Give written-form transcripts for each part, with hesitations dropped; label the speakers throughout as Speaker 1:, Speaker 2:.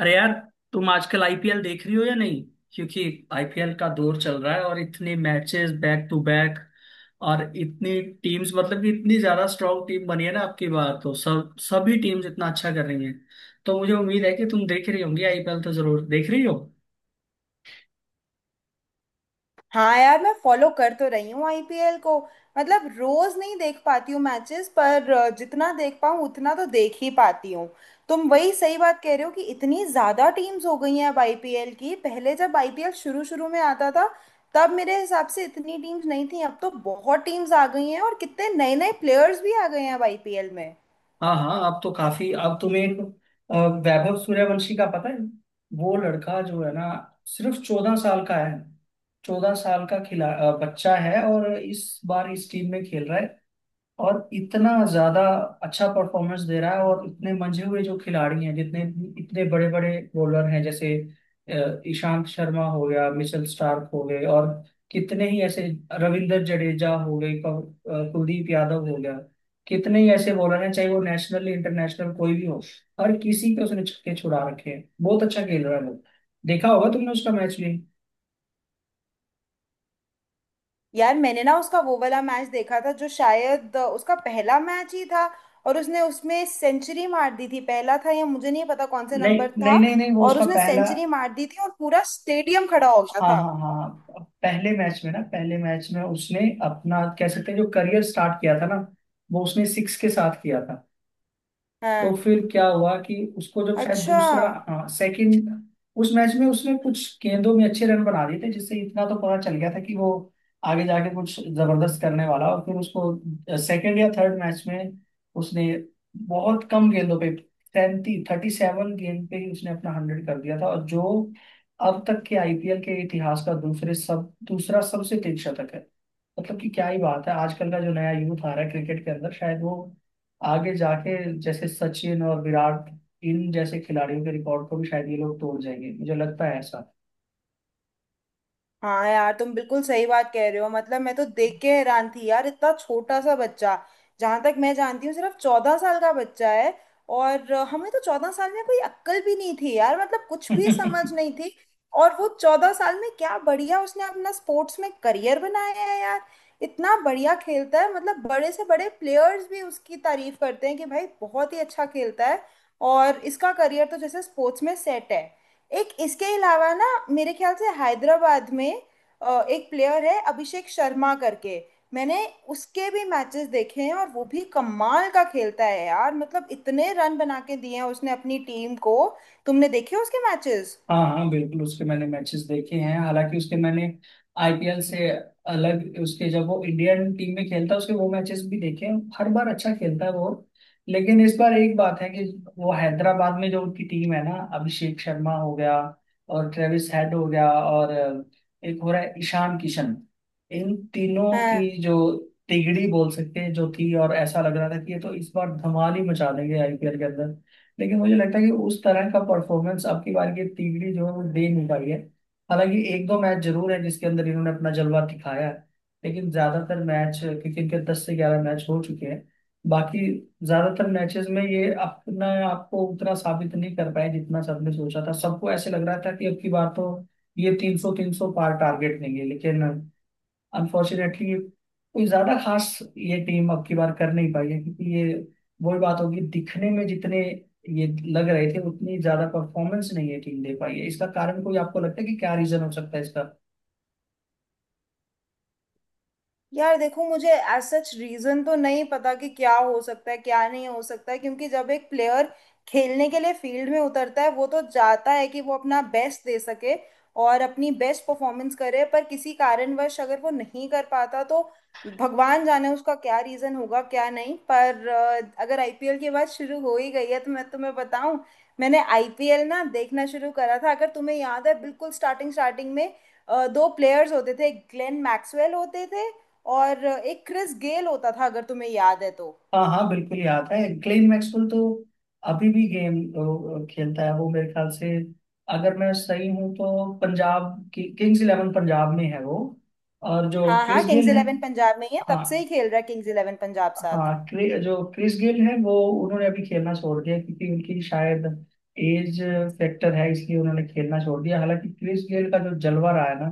Speaker 1: अरे यार, तुम आजकल आईपीएल देख रही हो या नहीं? क्योंकि आईपीएल का दौर चल रहा है और इतने मैचेस बैक टू बैक और इतनी टीम्स। मतलब कि इतनी ज्यादा स्ट्रांग टीम बनी है ना आपकी बार, तो सब सभी टीम्स इतना अच्छा कर रही हैं। तो मुझे उम्मीद है कि तुम देख रही होंगी, आईपीएल तो जरूर देख रही हो।
Speaker 2: हाँ यार, मैं फॉलो कर तो रही हूँ आईपीएल को। मतलब रोज नहीं देख पाती हूँ मैचेस पर जितना देख पाऊँ उतना तो देख ही पाती हूँ। तुम वही सही बात कह रहे हो कि इतनी ज्यादा टीम्स हो गई हैं अब आईपीएल की। पहले जब आईपीएल शुरू शुरू में आता था तब मेरे हिसाब से इतनी टीम्स नहीं थी। अब तो बहुत टीम्स आ गई हैं और कितने नए नए प्लेयर्स भी आ गए हैं अब आईपीएल में।
Speaker 1: हाँ हाँ, अब तो काफी। अब तुम्हें अ, वैभव सूर्यवंशी का पता है? वो लड़का जो है ना, सिर्फ 14 साल का है। 14 साल का बच्चा है और इस बार इस टीम में खेल रहा है और इतना ज्यादा अच्छा परफॉर्मेंस दे रहा है। और इतने मंझे हुए जो खिलाड़ी हैं जितने, इतने बड़े बड़े बॉलर हैं, जैसे ईशांत शर्मा हो गया, मिचेल स्टार्क हो गए, और कितने ही ऐसे रविंद्र जडेजा हो गए, कुलदीप यादव हो गया। कितने ही ऐसे बॉलर हैं चाहे वो नेशनल इंटरनेशनल कोई भी हो, हर किसी पे उसने छक्के छुड़ा रखे हैं। बहुत अच्छा खेल रहा है वो। देखा होगा तुमने उसका मैच भी।
Speaker 2: यार मैंने ना उसका वो वाला मैच देखा था जो शायद उसका पहला मैच ही था और उसने उसमें सेंचुरी मार दी थी। पहला था या मुझे नहीं पता कौन से
Speaker 1: नहीं
Speaker 2: नंबर था।
Speaker 1: नहीं नहीं नहीं, वो
Speaker 2: और
Speaker 1: उसका
Speaker 2: उसने
Speaker 1: पहला।
Speaker 2: सेंचुरी मार दी थी और पूरा स्टेडियम खड़ा हो गया
Speaker 1: हाँ
Speaker 2: था।
Speaker 1: हाँ हाँ, पहले मैच में ना, पहले मैच में उसने अपना कह सकते हैं जो करियर स्टार्ट किया था ना, वो उसने सिक्स के साथ किया था। तो
Speaker 2: हाँ।
Speaker 1: फिर क्या हुआ कि उसको जब शायद
Speaker 2: अच्छा।
Speaker 1: दूसरा, हाँ सेकंड, उस मैच में उसने कुछ गेंदों में अच्छे रन बना दिए थे, जिससे इतना तो पता चल गया था कि वो आगे जाके कुछ जबरदस्त करने वाला। और फिर उसको सेकंड या थर्ड मैच में उसने बहुत कम गेंदों पे, 30 37 गेंद पे ही उसने अपना 100 कर दिया था। और जो अब तक के आईपीएल के इतिहास का दूसरे सब दूसरा सबसे तेज शतक है। मतलब कि क्या ही बात है, आजकल का जो नया यूथ आ रहा है क्रिकेट के अंदर शायद वो आगे जाके जैसे सचिन और विराट, इन जैसे खिलाड़ियों के रिकॉर्ड को भी शायद ये लोग तोड़ जाएंगे, मुझे लगता है ऐसा।
Speaker 2: हाँ यार, तुम बिल्कुल सही बात कह रहे हो। मतलब मैं तो देख के हैरान थी यार, इतना छोटा सा बच्चा। जहां तक मैं जानती हूँ सिर्फ 14 साल का बच्चा है। और हमें तो 14 साल में कोई अक्ल भी नहीं थी यार, मतलब कुछ भी समझ नहीं थी। और वो 14 साल में क्या बढ़िया उसने अपना स्पोर्ट्स में करियर बनाया है यार। इतना बढ़िया खेलता है, मतलब बड़े से बड़े प्लेयर्स भी उसकी तारीफ करते हैं कि भाई बहुत ही अच्छा खेलता है। और इसका करियर तो जैसे स्पोर्ट्स में सेट है। एक इसके अलावा ना, मेरे ख्याल से हैदराबाद में एक प्लेयर है अभिषेक शर्मा करके। मैंने उसके भी मैचेस देखे हैं और वो भी कमाल का खेलता है यार। मतलब इतने रन बना के दिए हैं उसने अपनी टीम को। तुमने देखे उसके मैचेस?
Speaker 1: हाँ हाँ, बिल्कुल उसके मैंने मैचेस देखे हैं, हालांकि उसके मैंने आईपीएल से अलग, उसके जब वो इंडियन टीम में खेलता है उसके वो मैचेस भी देखे हैं। हर बार अच्छा खेलता है वो। लेकिन इस बार एक बात है कि वो हैदराबाद में जो उनकी टीम है ना, अभिषेक शर्मा हो गया और ट्रेविस हेड हो गया, और एक हो रहा है ईशान किशन, इन तीनों की जो तिगड़ी बोल सकते हैं जो थी, और ऐसा लग रहा था कि ये तो इस बार धमाल ही मचा देंगे आईपीएल के। लेकिन मुझे लगता है कि उस तरह का परफॉर्मेंस अब की बार की टीम जो है वो दे नहीं पाई है। हालांकि एक दो मैच जरूर है जिसके अंदर इन्होंने अपना जलवा दिखाया है, लेकिन ज्यादातर मैच, क्योंकि इनके 10 से 11 मैच हो चुके हैं, बाकी ज्यादातर मैचेस में ये अपना आपको उतना साबित नहीं कर पाए जितना सबने सोचा था। सबको ऐसे लग रहा था कि अब की बार तो ये 300 300 पार टारगेट लेंगे, लेकिन अनफॉर्चुनेटली कोई ज्यादा खास ये टीम अब की बार कर नहीं पाई है। क्योंकि ये वही बात होगी, दिखने में जितने ये लग रहे थे उतनी ज्यादा परफॉर्मेंस नहीं ये टीम दे पाई है। इसका कारण कोई आपको लगता है कि क्या रीजन हो सकता है इसका?
Speaker 2: यार देखो मुझे एज सच रीजन तो नहीं पता कि क्या हो सकता है क्या नहीं हो सकता है। क्योंकि जब एक प्लेयर खेलने के लिए फील्ड में उतरता है वो तो चाहता है कि वो अपना बेस्ट दे सके और अपनी बेस्ट परफॉर्मेंस करे। पर किसी कारणवश अगर वो नहीं कर पाता तो भगवान जाने उसका क्या रीजन होगा क्या नहीं। पर अगर आईपीएल की बात शुरू हो ही गई है तो मैं तुम्हें बताऊं, मैंने आईपीएल ना देखना शुरू करा था, अगर तुम्हें याद है, बिल्कुल स्टार्टिंग स्टार्टिंग में दो प्लेयर्स होते थे। ग्लेन मैक्सवेल होते थे और एक क्रिस गेल होता था, अगर तुम्हें याद है तो।
Speaker 1: हाँ हाँ, बिल्कुल याद है, क्लेन मैक्सवेल तो अभी भी गेम खेलता है वो, मेरे ख्याल से। अगर मैं सही हूँ तो पंजाब की किंग्स इलेवन पंजाब में है वो। और जो
Speaker 2: हाँ हाँ,
Speaker 1: क्रिस
Speaker 2: किंग्स
Speaker 1: गेल है,
Speaker 2: इलेवन पंजाब में ही है, तब
Speaker 1: हाँ
Speaker 2: से ही खेल रहा है किंग्स इलेवन पंजाब साथ।
Speaker 1: हाँ, जो क्रिस गेल है वो, उन्होंने अभी खेलना छोड़ दिया क्योंकि उनकी शायद एज फैक्टर है, इसलिए उन्होंने खेलना छोड़ दिया। हालांकि क्रिस गेल का जो जलवा रहा है ना,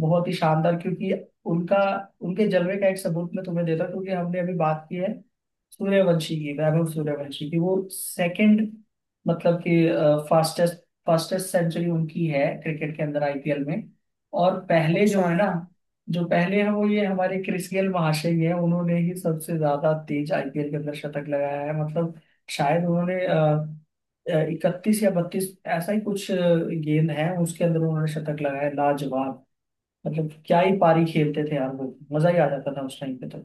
Speaker 1: बहुत ही शानदार। क्योंकि उनका, उनके जलवे का एक सबूत मैं तुम्हें देता हूँ, क्योंकि हमने अभी बात की है सूर्यवंशी की, वैभव सूर्यवंशी की, वो सेकंड, मतलब कि फास्टेस्ट फास्टेस्ट सेंचुरी उनकी है क्रिकेट के अंदर आईपीएल में। और पहले जो
Speaker 2: अच्छा।
Speaker 1: है ना, जो पहले है वो ये हमारे क्रिस गेल महाशय ही है। उन्होंने ही सबसे ज्यादा तेज आईपीएल के अंदर शतक लगाया है। मतलब शायद उन्होंने 31 या 32, ऐसा ही कुछ गेंद है उसके अंदर उन्होंने शतक लगाया है। लाजवाब। मतलब क्या ही पारी खेलते थे यार, वो मजा ही आ जाता था उस टाइम पे तो।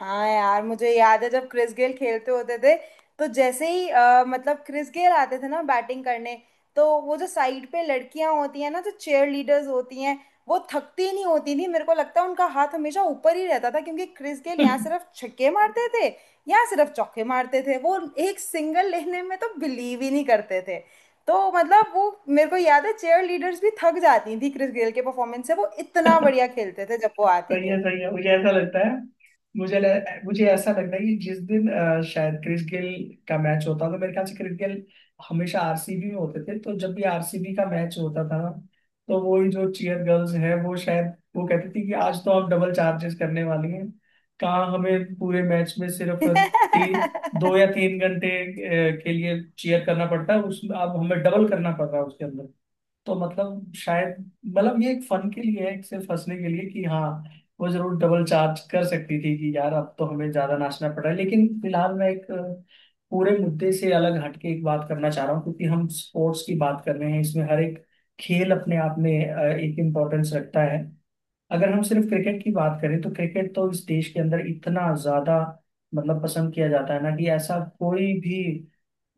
Speaker 2: हाँ यार, मुझे याद है जब क्रिस गेल खेलते होते थे तो जैसे ही मतलब क्रिस गेल आते थे ना बैटिंग करने, तो वो जो साइड पे लड़कियां होती हैं ना जो चेयर लीडर्स होती हैं, वो थकती नहीं होती थी। मेरे को लगता है उनका हाथ हमेशा ऊपर ही रहता था क्योंकि क्रिस गेल यहाँ सिर्फ छक्के मारते थे, यहाँ सिर्फ चौके मारते थे वो। एक सिंगल लेने में तो बिलीव ही नहीं करते थे। तो मतलब वो मेरे को याद है, चेयर लीडर्स भी थक जाती थी क्रिस गेल के परफॉर्मेंस से। वो इतना बढ़िया खेलते थे जब वो आते
Speaker 1: सही
Speaker 2: थे।
Speaker 1: है सही है। मुझे ऐसा लगता है, मुझे ऐसा लगता है कि जिस दिन शायद क्रिस गेल का मैच होता था, तो मेरे ख्याल से क्रिस गेल हमेशा आरसीबी में होते थे, तो जब भी आरसीबी का मैच होता था ना, तो वो ही जो चीयर गर्ल्स है वो शायद वो कहती थी कि आज तो हम डबल चार्जेस करने वाली हैं। कहाँ हमें पूरे मैच में सिर्फ ती, 2 या 3 घंटे के लिए चीयर करना पड़ता है, उसमें अब हमें डबल करना पड़ रहा है उसके अंदर। तो मतलब शायद, मतलब ये एक फन के लिए है, एक सिर्फ हंसने के लिए कि हाँ, वो जरूर डबल चार्ज कर सकती थी कि यार अब तो हमें ज्यादा नाचना पड़ रहा है। लेकिन फिलहाल मैं एक पूरे मुद्दे से अलग हटके एक बात करना चाह रहा हूँ, क्योंकि हम स्पोर्ट्स की बात कर रहे हैं। इसमें हर एक खेल अपने आप में एक इम्पोर्टेंस रखता है। अगर हम सिर्फ क्रिकेट की बात करें तो क्रिकेट तो इस देश के अंदर इतना ज्यादा, मतलब पसंद किया जाता है ना, कि ऐसा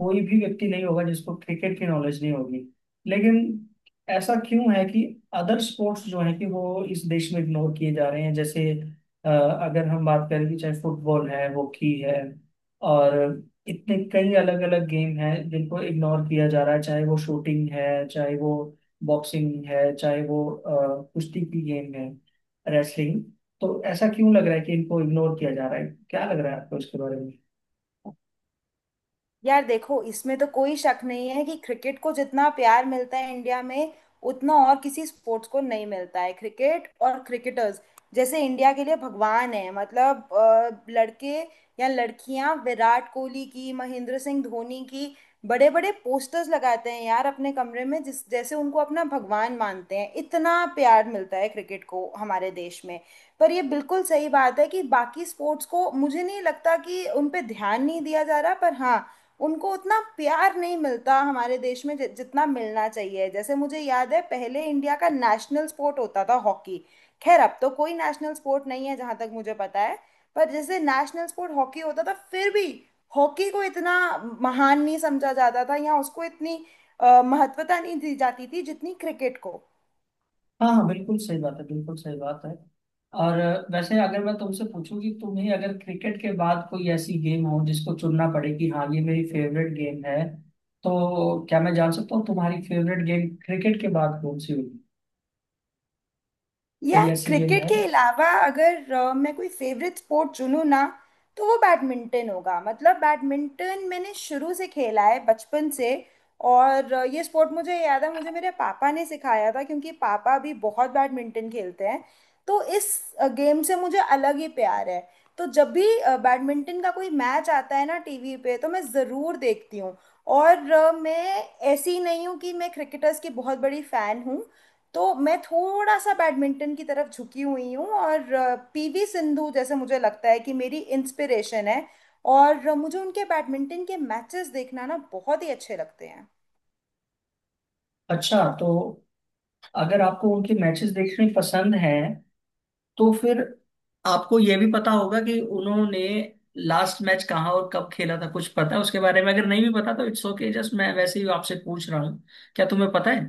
Speaker 1: कोई भी व्यक्ति नहीं होगा जिसको क्रिकेट की नॉलेज नहीं होगी। लेकिन ऐसा क्यों है कि अदर स्पोर्ट्स जो है कि वो इस देश में इग्नोर किए जा रहे हैं? जैसे अगर हम बात करें, कि चाहे फुटबॉल है, हॉकी है, और इतने कई अलग अलग गेम हैं जिनको इग्नोर किया जा रहा है, चाहे वो शूटिंग है, चाहे वो बॉक्सिंग है, चाहे वो कुश्ती की गेम है, रेसलिंग। तो ऐसा क्यों लग रहा है कि इनको इग्नोर किया जा रहा है? क्या लग रहा है आपको इसके बारे में?
Speaker 2: यार देखो इसमें तो कोई शक नहीं है कि क्रिकेट को जितना प्यार मिलता है इंडिया में उतना और किसी स्पोर्ट्स को नहीं मिलता है। क्रिकेट और क्रिकेटर्स जैसे इंडिया के लिए भगवान है। मतलब लड़के या लड़कियां विराट कोहली की, महेंद्र सिंह धोनी की बड़े बड़े पोस्टर्स लगाते हैं यार अपने कमरे में, जिस जैसे उनको अपना भगवान मानते हैं। इतना प्यार मिलता है क्रिकेट को हमारे देश में। पर ये बिल्कुल सही बात है कि बाकी स्पोर्ट्स को, मुझे नहीं लगता कि उन पे ध्यान नहीं दिया जा रहा, पर हाँ, उनको उतना प्यार नहीं मिलता हमारे देश में जितना मिलना चाहिए। जैसे मुझे याद है पहले इंडिया का नेशनल स्पोर्ट होता था हॉकी। खैर अब तो कोई नेशनल स्पोर्ट नहीं है जहां तक मुझे पता है। पर जैसे नेशनल स्पोर्ट हॉकी होता था, फिर भी हॉकी को इतना महान नहीं समझा जाता था या उसको इतनी महत्वता नहीं दी जाती थी जितनी क्रिकेट को।
Speaker 1: हाँ हाँ, बिल्कुल सही बात है, बिल्कुल सही बात है। और वैसे अगर मैं तुमसे पूछूं कि तुम्हें अगर क्रिकेट के बाद कोई ऐसी गेम हो जिसको चुनना पड़े कि हाँ ये मेरी फेवरेट गेम है, तो क्या मैं जान सकता हूँ तुम्हारी फेवरेट गेम क्रिकेट के बाद कौन सी होगी? कोई
Speaker 2: यार
Speaker 1: ऐसी गेम
Speaker 2: क्रिकेट
Speaker 1: है?
Speaker 2: के अलावा अगर मैं कोई फेवरेट स्पोर्ट चुनूँ ना, तो वो बैडमिंटन होगा। मतलब बैडमिंटन मैंने शुरू से खेला है, बचपन से। और ये स्पोर्ट मुझे याद है मुझे मेरे पापा ने सिखाया था क्योंकि पापा भी बहुत बैडमिंटन खेलते हैं। तो इस गेम से मुझे अलग ही प्यार है। तो जब भी बैडमिंटन का कोई मैच आता है ना टीवी पे तो मैं ज़रूर देखती हूँ। और मैं ऐसी नहीं हूँ कि मैं क्रिकेटर्स की बहुत बड़ी फ़ैन हूँ। तो मैं थोड़ा सा बैडमिंटन की तरफ झुकी हुई हूँ। और पीवी सिंधु जैसे मुझे लगता है कि मेरी इंस्पिरेशन है। और मुझे उनके बैडमिंटन के मैचेस देखना ना बहुत ही अच्छे लगते हैं।
Speaker 1: अच्छा, तो अगर आपको उनके मैचेस देखने पसंद हैं तो फिर आपको ये भी पता होगा कि उन्होंने लास्ट मैच कहाँ और कब खेला था? कुछ पता है उसके बारे में? अगर नहीं भी पता तो इट्स ओके, जस्ट मैं वैसे ही आपसे पूछ रहा हूँ, क्या तुम्हें पता है?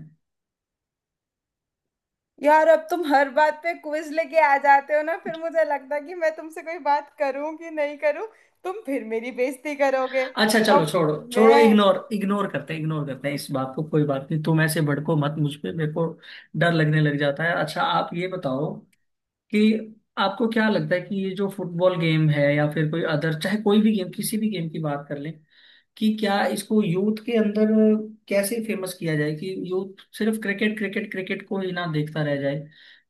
Speaker 2: यार अब तुम हर बात पे क्विज लेके आ जाते हो ना। फिर मुझे लगता है कि मैं तुमसे कोई बात करूं कि नहीं करूं, तुम फिर मेरी बेइज्जती करोगे।
Speaker 1: अच्छा चलो,
Speaker 2: अब
Speaker 1: छोड़ो छोड़ो,
Speaker 2: मैं।
Speaker 1: इग्नोर इग्नोर करते हैं, इग्नोर करते हैं इस बात को, कोई बात नहीं। तुम ऐसे भड़को मत मुझ पे, मेरे को डर लगने लग जाता है। अच्छा आप ये बताओ कि आपको क्या लगता है कि ये जो फुटबॉल गेम है या फिर कोई अदर, चाहे कोई भी गेम, किसी भी गेम की बात कर लें, कि क्या इसको यूथ के अंदर कैसे फेमस किया जाए कि यूथ सिर्फ क्रिकेट क्रिकेट क्रिकेट को ही ना देखता रह जाए,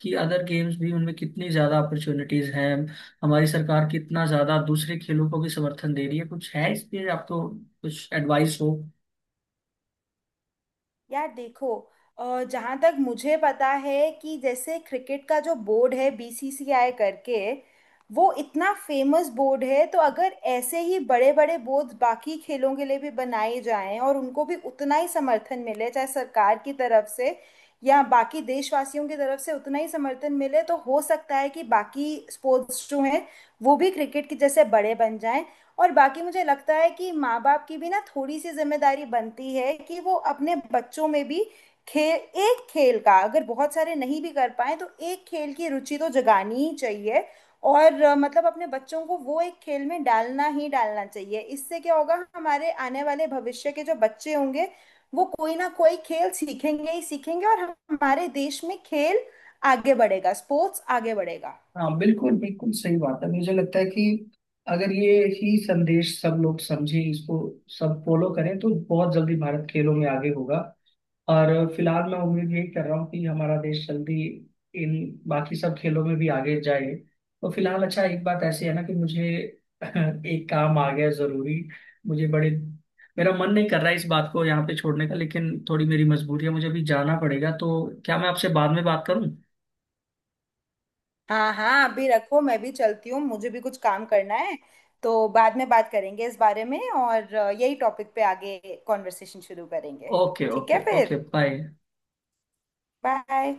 Speaker 1: कि अदर गेम्स भी उनमें कितनी ज्यादा अपॉर्चुनिटीज हैं, हमारी सरकार कितना ज्यादा दूसरे खेलों को भी समर्थन दे रही है? कुछ है इस पे आपको कुछ एडवाइस हो?
Speaker 2: यार देखो जहाँ तक मुझे पता है कि जैसे क्रिकेट का जो बोर्ड है बीसीसीआई करके, वो इतना फेमस बोर्ड है। तो अगर ऐसे ही बड़े बड़े बोर्ड बाकी खेलों के लिए भी बनाए जाएं और उनको भी उतना ही समर्थन मिले चाहे सरकार की तरफ से या बाकी देशवासियों की तरफ से उतना ही समर्थन मिले, तो हो सकता है कि बाकी स्पोर्ट्स जो हैं वो भी क्रिकेट की जैसे बड़े बन जाएं। और बाकी मुझे लगता है कि माँ बाप की भी ना थोड़ी सी जिम्मेदारी बनती है कि वो अपने बच्चों में भी खेल, एक खेल का अगर बहुत सारे नहीं भी कर पाए तो एक खेल की रुचि तो जगानी ही चाहिए। और मतलब अपने बच्चों को वो एक खेल में डालना ही डालना चाहिए। इससे क्या होगा, हमारे आने वाले भविष्य के जो बच्चे होंगे वो कोई ना कोई खेल सीखेंगे ही सीखेंगे और हमारे देश में खेल आगे बढ़ेगा, स्पोर्ट्स आगे बढ़ेगा।
Speaker 1: हाँ बिल्कुल, बिल्कुल सही बात है। मुझे लगता है कि अगर ये ही संदेश सब लोग समझें इसको, सब फॉलो करें, तो बहुत जल्दी भारत खेलों में आगे होगा। और फिलहाल मैं उम्मीद यही कर रहा हूँ कि हमारा देश जल्दी इन बाकी सब खेलों में भी आगे जाए। तो फिलहाल अच्छा, एक बात ऐसी है ना कि मुझे एक काम आ गया है जरूरी। मुझे बड़े, मेरा मन नहीं कर रहा है इस बात को यहाँ पे छोड़ने का, लेकिन थोड़ी मेरी मजबूरी है, मुझे अभी जाना पड़ेगा। तो क्या मैं आपसे बाद में बात करूँ?
Speaker 2: हाँ हाँ अभी रखो, मैं भी चलती हूँ, मुझे भी कुछ काम करना है। तो बाद में बात करेंगे इस बारे में और यही टॉपिक पे आगे कॉन्वर्सेशन शुरू करेंगे।
Speaker 1: ओके
Speaker 2: ठीक है
Speaker 1: ओके ओके,
Speaker 2: फिर।
Speaker 1: बाय।
Speaker 2: बाय।